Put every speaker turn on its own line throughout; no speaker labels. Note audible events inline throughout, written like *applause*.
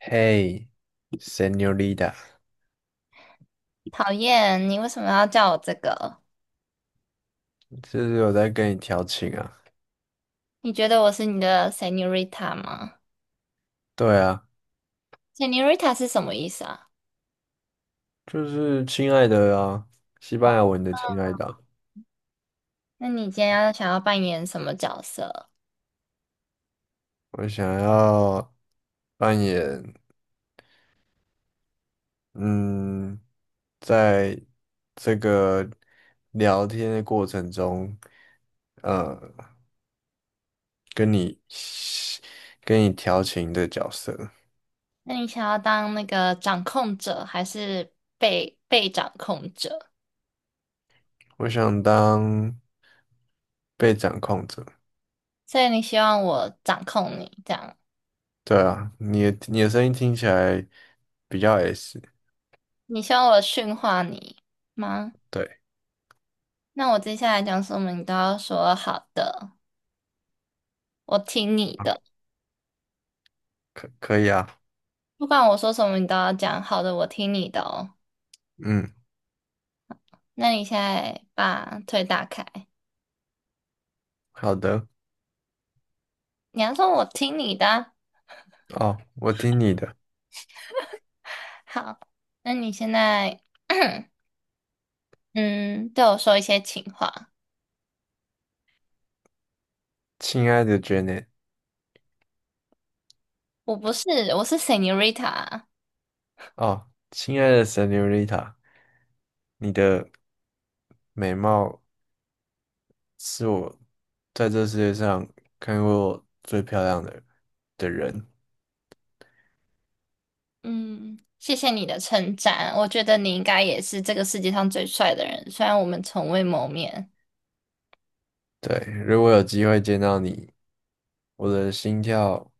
嘿，Señorita，
讨厌，你为什么要叫我这个？
这是有在跟你调情啊？
你觉得我是你的 Senorita 吗
对啊，
？Senorita 是什么意思啊？
就是亲爱的啊，西班牙文的亲爱的啊。
那你今天要想要扮演什么角色？
我想要扮演，嗯，在这个聊天的过程中，呃，跟你跟你调情的角色。
那你想要当那个掌控者，还是被掌控者？
我想当被掌控者。
所以你希望我掌控你，这样？
对啊，你的声音听起来比较 S。
你希望我驯化你吗？
对，
那我接下来讲什么，你都要说好的，我听你的。
可以啊，
不管我说什么，你都要讲好的，我听你的哦。
嗯，
那你现在把腿打开。
好的。
你要说我听你的啊。
哦，我听你的。
好，那你现在 *clears throat* 嗯对我说一些情话。
亲爱的 Janet。
我不是，我是 Senorita。
哦，亲爱的 Senorita，你的美貌是我在这世界上看过最漂亮的人。
嗯，谢谢你的称赞，我觉得你应该也是这个世界上最帅的人，虽然我们从未谋面。
对，如果有机会见到你，我的心跳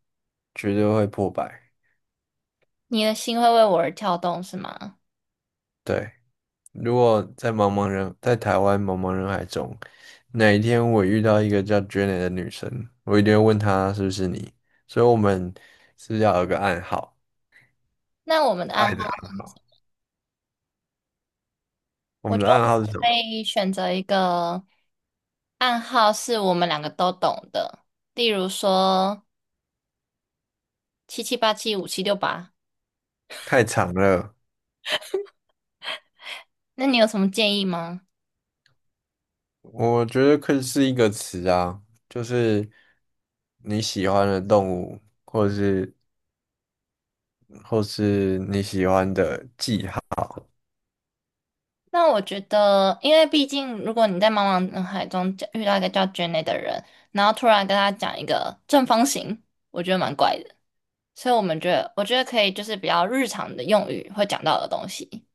绝对会破百。
你的心会为我而跳动，是吗？
对，如果在台湾茫茫人海中，哪一天我遇到一个叫 Janet 的女生，我一定会问她是不是你，所以我们是不是要有个暗号，
那我们的
爱
暗
的
号，
暗号。我
我
们
觉
的
得
暗号
我
是
们
什么？
可以选择一个暗号是我们两个都懂的，例如说77875768。
太长了。
那你有什么建议吗？
我觉得可以是一个词啊，就是你喜欢的动物，或是你喜欢的记号，
那我觉得，因为毕竟，如果你在茫茫人海中叫遇到一个叫 Jenny 的人，然后突然跟他讲一个正方形，我觉得蛮怪的。所以我们觉得，我觉得可以就是比较日常的用语会讲到的东西。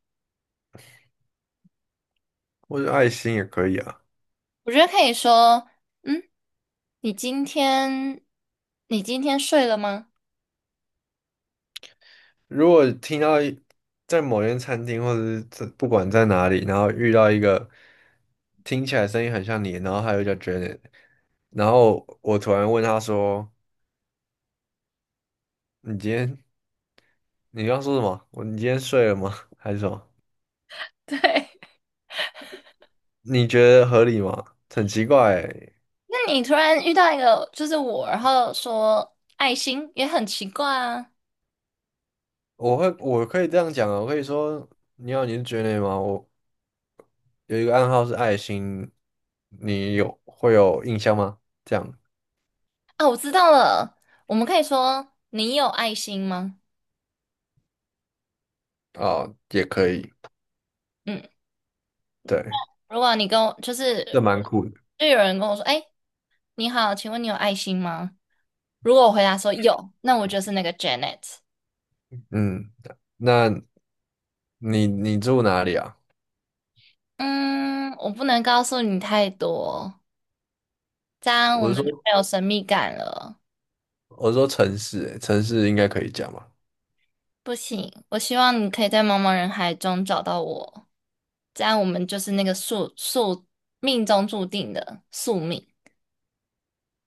或者爱心也可以啊。
我觉得可以说，嗯，你今天你今天睡了吗？
如果听到在某间餐厅，或者是在不管在哪里，然后遇到一个听起来声音很像你，然后还有叫 Janet，然后我突然问他说：“你今天你刚刚说什么？你今天睡了吗？还是什么？”
*laughs* 对，
你觉得合理吗？很奇怪欸。
那你突然遇到一个就是我，然后说爱心也很奇怪啊。
我可以这样讲啊，我可以说你好，你是觉得吗？我有一个暗号是爱心，你有会有印象吗？这样
啊，我知道了，我们可以说你有爱心吗？
啊，哦也可以，
嗯。
对，
如果你跟我就是
这蛮酷的。
就有人跟我说，哎，你好，请问你有爱心吗？如果我回答说有，那我就是那个 Janet。
嗯。那你住哪里啊？
嗯，我不能告诉你太多，这样我
我
们
是
就
说
没有神秘感了。
我是说城市欸，城市应该可以讲吧？
不行，我希望你可以在茫茫人海中找到我，这样我们就是那个命中注定的宿命。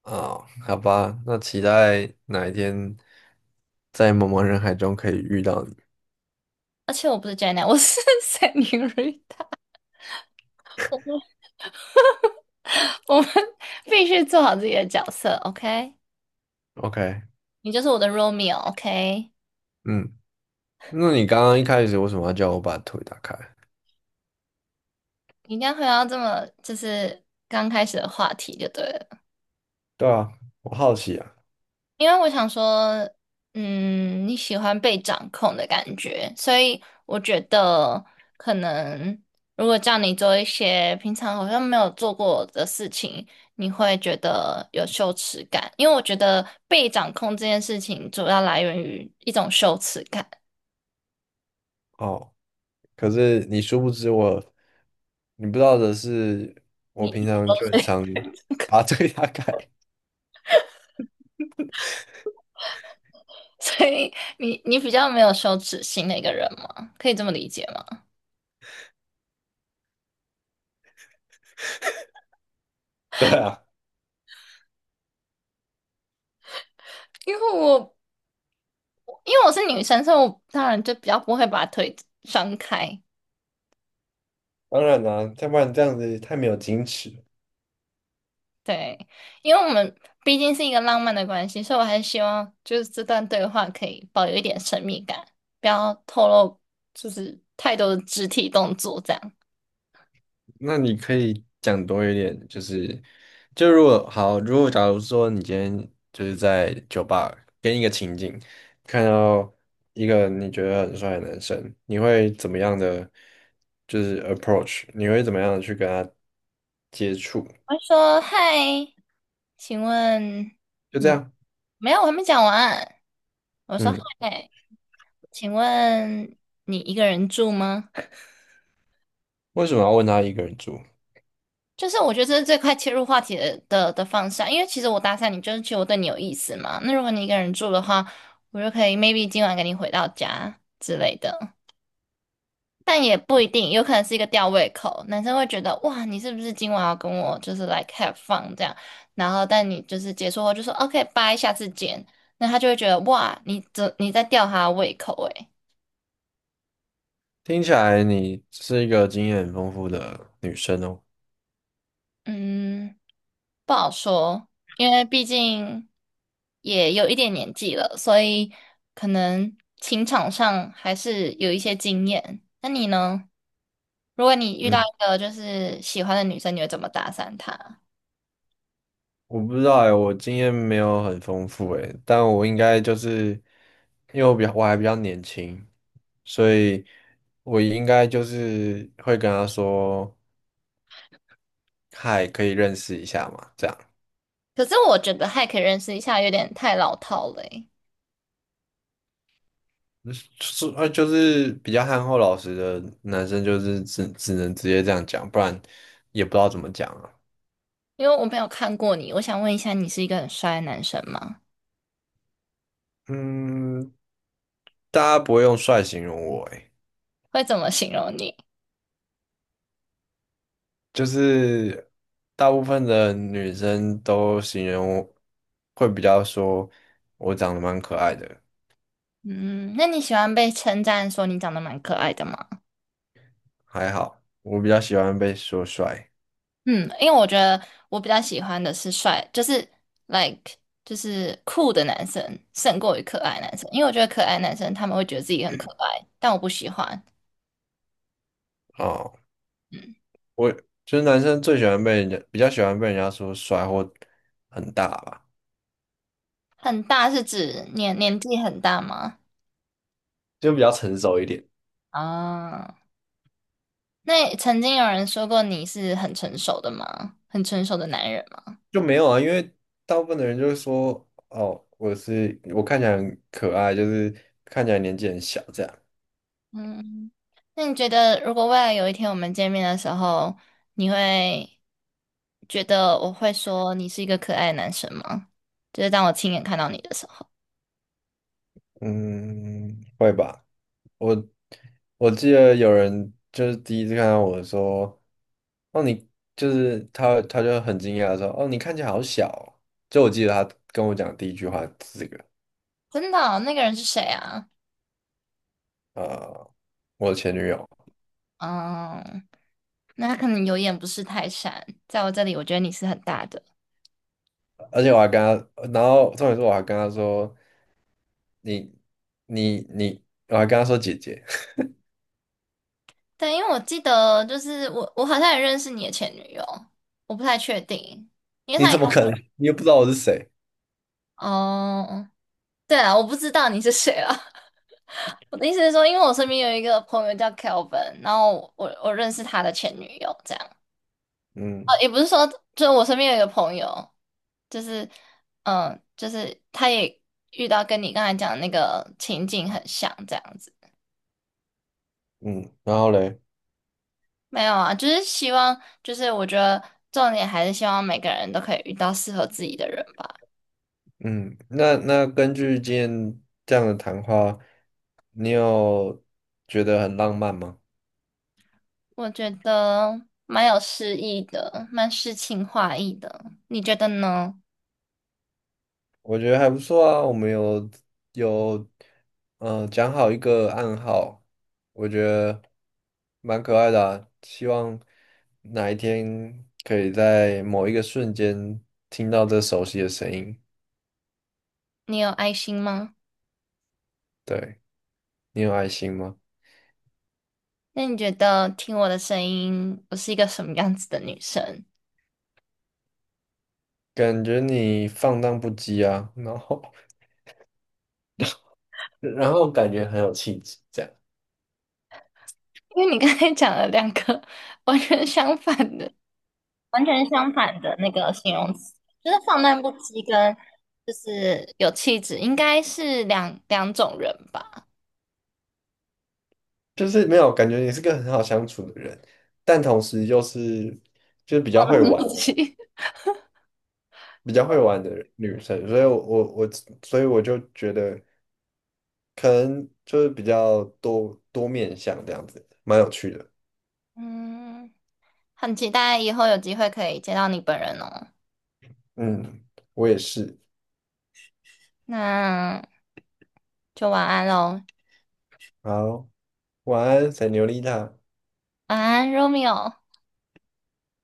啊，好吧，那期待哪一天在茫茫人海中可以遇到你。
而且我不是 Janet,我是 *laughs* Senorita,我们必须做好自己的角色，OK？
OK。
你就是我的 Romeo，OK？
嗯。那你刚刚一开始为什么要叫我把腿打开？
你一定要回到这么就是刚开始的话题就对了，
对啊，我好奇啊。
因为我想说，嗯，你喜欢被掌控的感觉，所以我觉得可能如果叫你做一些平常好像没有做过的事情，你会觉得有羞耻感，因为我觉得被掌控这件事情主要来源于一种羞耻感。
哦，可是你殊不知我，你不知道的是，我
你
平常就
*laughs*
很
所以
常把这个大改。*laughs*
所以你比较没有羞耻心的一个人吗？可以这么理解吗？
对啊，
因为我因为我是女生，所以我当然就比较不会把腿张开。
当然啦、要不然这样子太没有矜持了。
对，因为我们毕竟是一个浪漫的关系，所以我还是希望就是这段对话可以保留一点神秘感，不要透露就是太多的肢体动作这样。
那你可以讲多一点，就是就如果好，如果假如说你今天就是在酒吧跟一个情景，看到一个你觉得很帅的男生，你会怎么样的就是 approach？你会怎么样的去跟他接触？
我会说嗨，请问
就这
你
样。
没有？我还没讲完。我说
嗯，
嗨，请问你一个人住吗？
为什么要问她一个人住？
就是我觉得这是最快切入话题的方向，因为其实我搭讪你，就是其实我对你有意思嘛。那如果你一个人住的话，我就可以 maybe 今晚跟你回到家之类的，但也不一定，有可能是一个吊胃口。男生会觉得哇，你是不是今晚要跟我就是 l i k have fun 这样？然后但你就是结束后就说 OK bye,下次见，那他就会觉得哇，你这你在吊他的胃口诶、欸。
听起来你是一个经验很丰富的女生哦。
嗯，不好说，因为毕竟也有一点年纪了，所以可能情场上还是有一些经验。那你呢？如果你遇到
嗯。
一个就是喜欢的女生，你会怎么搭讪她？
我不知道哎，我经验没有很丰富哎，但我应该就是因为我还比较年轻，所以我应该就是会跟她说，嗨，可以认识一下嘛，这样。
可是我觉得还可以认识一下，有点太老套了欸。
嗯。就是就是比较憨厚老实的男生，就是只能直接这样讲，不然也不知道怎么讲啊。
因为我没有看过你。我想问一下，你是一个很帅的男生吗？
嗯，大家不会用帅形容我诶。
会怎么形容你？
就是大部分的女生都形容我会比较说我长得蛮可爱的。
嗯，那你喜欢被称赞说你长得蛮可爱的吗？
还好，我比较喜欢被说帅。
嗯，因为我觉得我比较喜欢的是帅，就是 like 就是酷的男生胜过于可爱男生，因为我觉得可爱男生他们会觉得自己很可爱，但我不喜欢。
哦，我就是男生最喜欢被人家比较喜欢被人家说帅或很大吧。
很大是指年纪很大吗？
就比较成熟一点。
啊，那曾经有人说过你是很成熟的吗？很成熟的男人吗？
就没有啊，因为大部分的人就是说哦，我看起来很可爱，就是看起来年纪很小这样。
嗯，那你觉得如果未来有一天我们见面的时候，你会觉得我会说你是一个可爱的男生吗？就是当我亲眼看到你的时候。
嗯，会吧。我。我记得有人就是第一次看到我说：“哦，你就是他，他就很惊讶地说：‘哦，你看起来好小哦’。”就我记得他跟我讲第一句话是这个。
真的哦那个人是谁啊？
呃，我前女友。
嗯，那他可能有眼不识泰山，在我这里，我觉得你是很大的。
而且我还跟他，然后重点是我还跟他说：“你你，我还跟他说姐姐，
对，因为我记得，就是我，我好像也认识你的前女友，我不太确定，因
*laughs*
为
你
他也
怎
跟
么可能？
我
你又不知道我是谁？”
哦，对啊，我不知道你是谁啊。*laughs* 我的意思是说，因为我身边有一个朋友叫 Kelvin,然后我认识他的前女友，这样。
嗯
也不是说，就是我身边有一个朋友，就是就是他也遇到跟你刚才讲的那个情景很像，这样子。
嗯，然后嘞。
没有啊，就是希望，就是我觉得重点还是希望每个人都可以遇到适合自己的人吧。
嗯。那根据今天这样的谈话，你有觉得很浪漫吗？
我觉得蛮有诗意的，蛮诗情画意的。你觉得呢？
我觉得还不错啊，我们有讲好一个暗号。我觉得蛮可爱的啊希望哪一天可以在某一个瞬间听到这熟悉的声音。
你有爱心吗？
对，你有爱心吗？
那你觉得听我的声音，我是一个什么样子的女生？
感觉你放荡不羁啊，然后 *laughs* 然后感觉很有气质，这样。
因为你刚才讲了两个 *laughs* 完全相反的 *laughs*、完全相反的那个形容词，就是放荡不羁跟就是有气质，应该是两种人吧？
就是没有感觉你是个很好相处的人，但同时又是就是比
放
较会
荡不
玩。
羁。
比较会玩的女生，所以我，所以我就觉得可能就是比较多面向这样子，蛮有趣的。
嗯，很期待以后有机会可以见到你本人哦。
嗯，我也是。
那就晚安喽，
好，晚安，塞牛丽塔。
晚安，Romeo。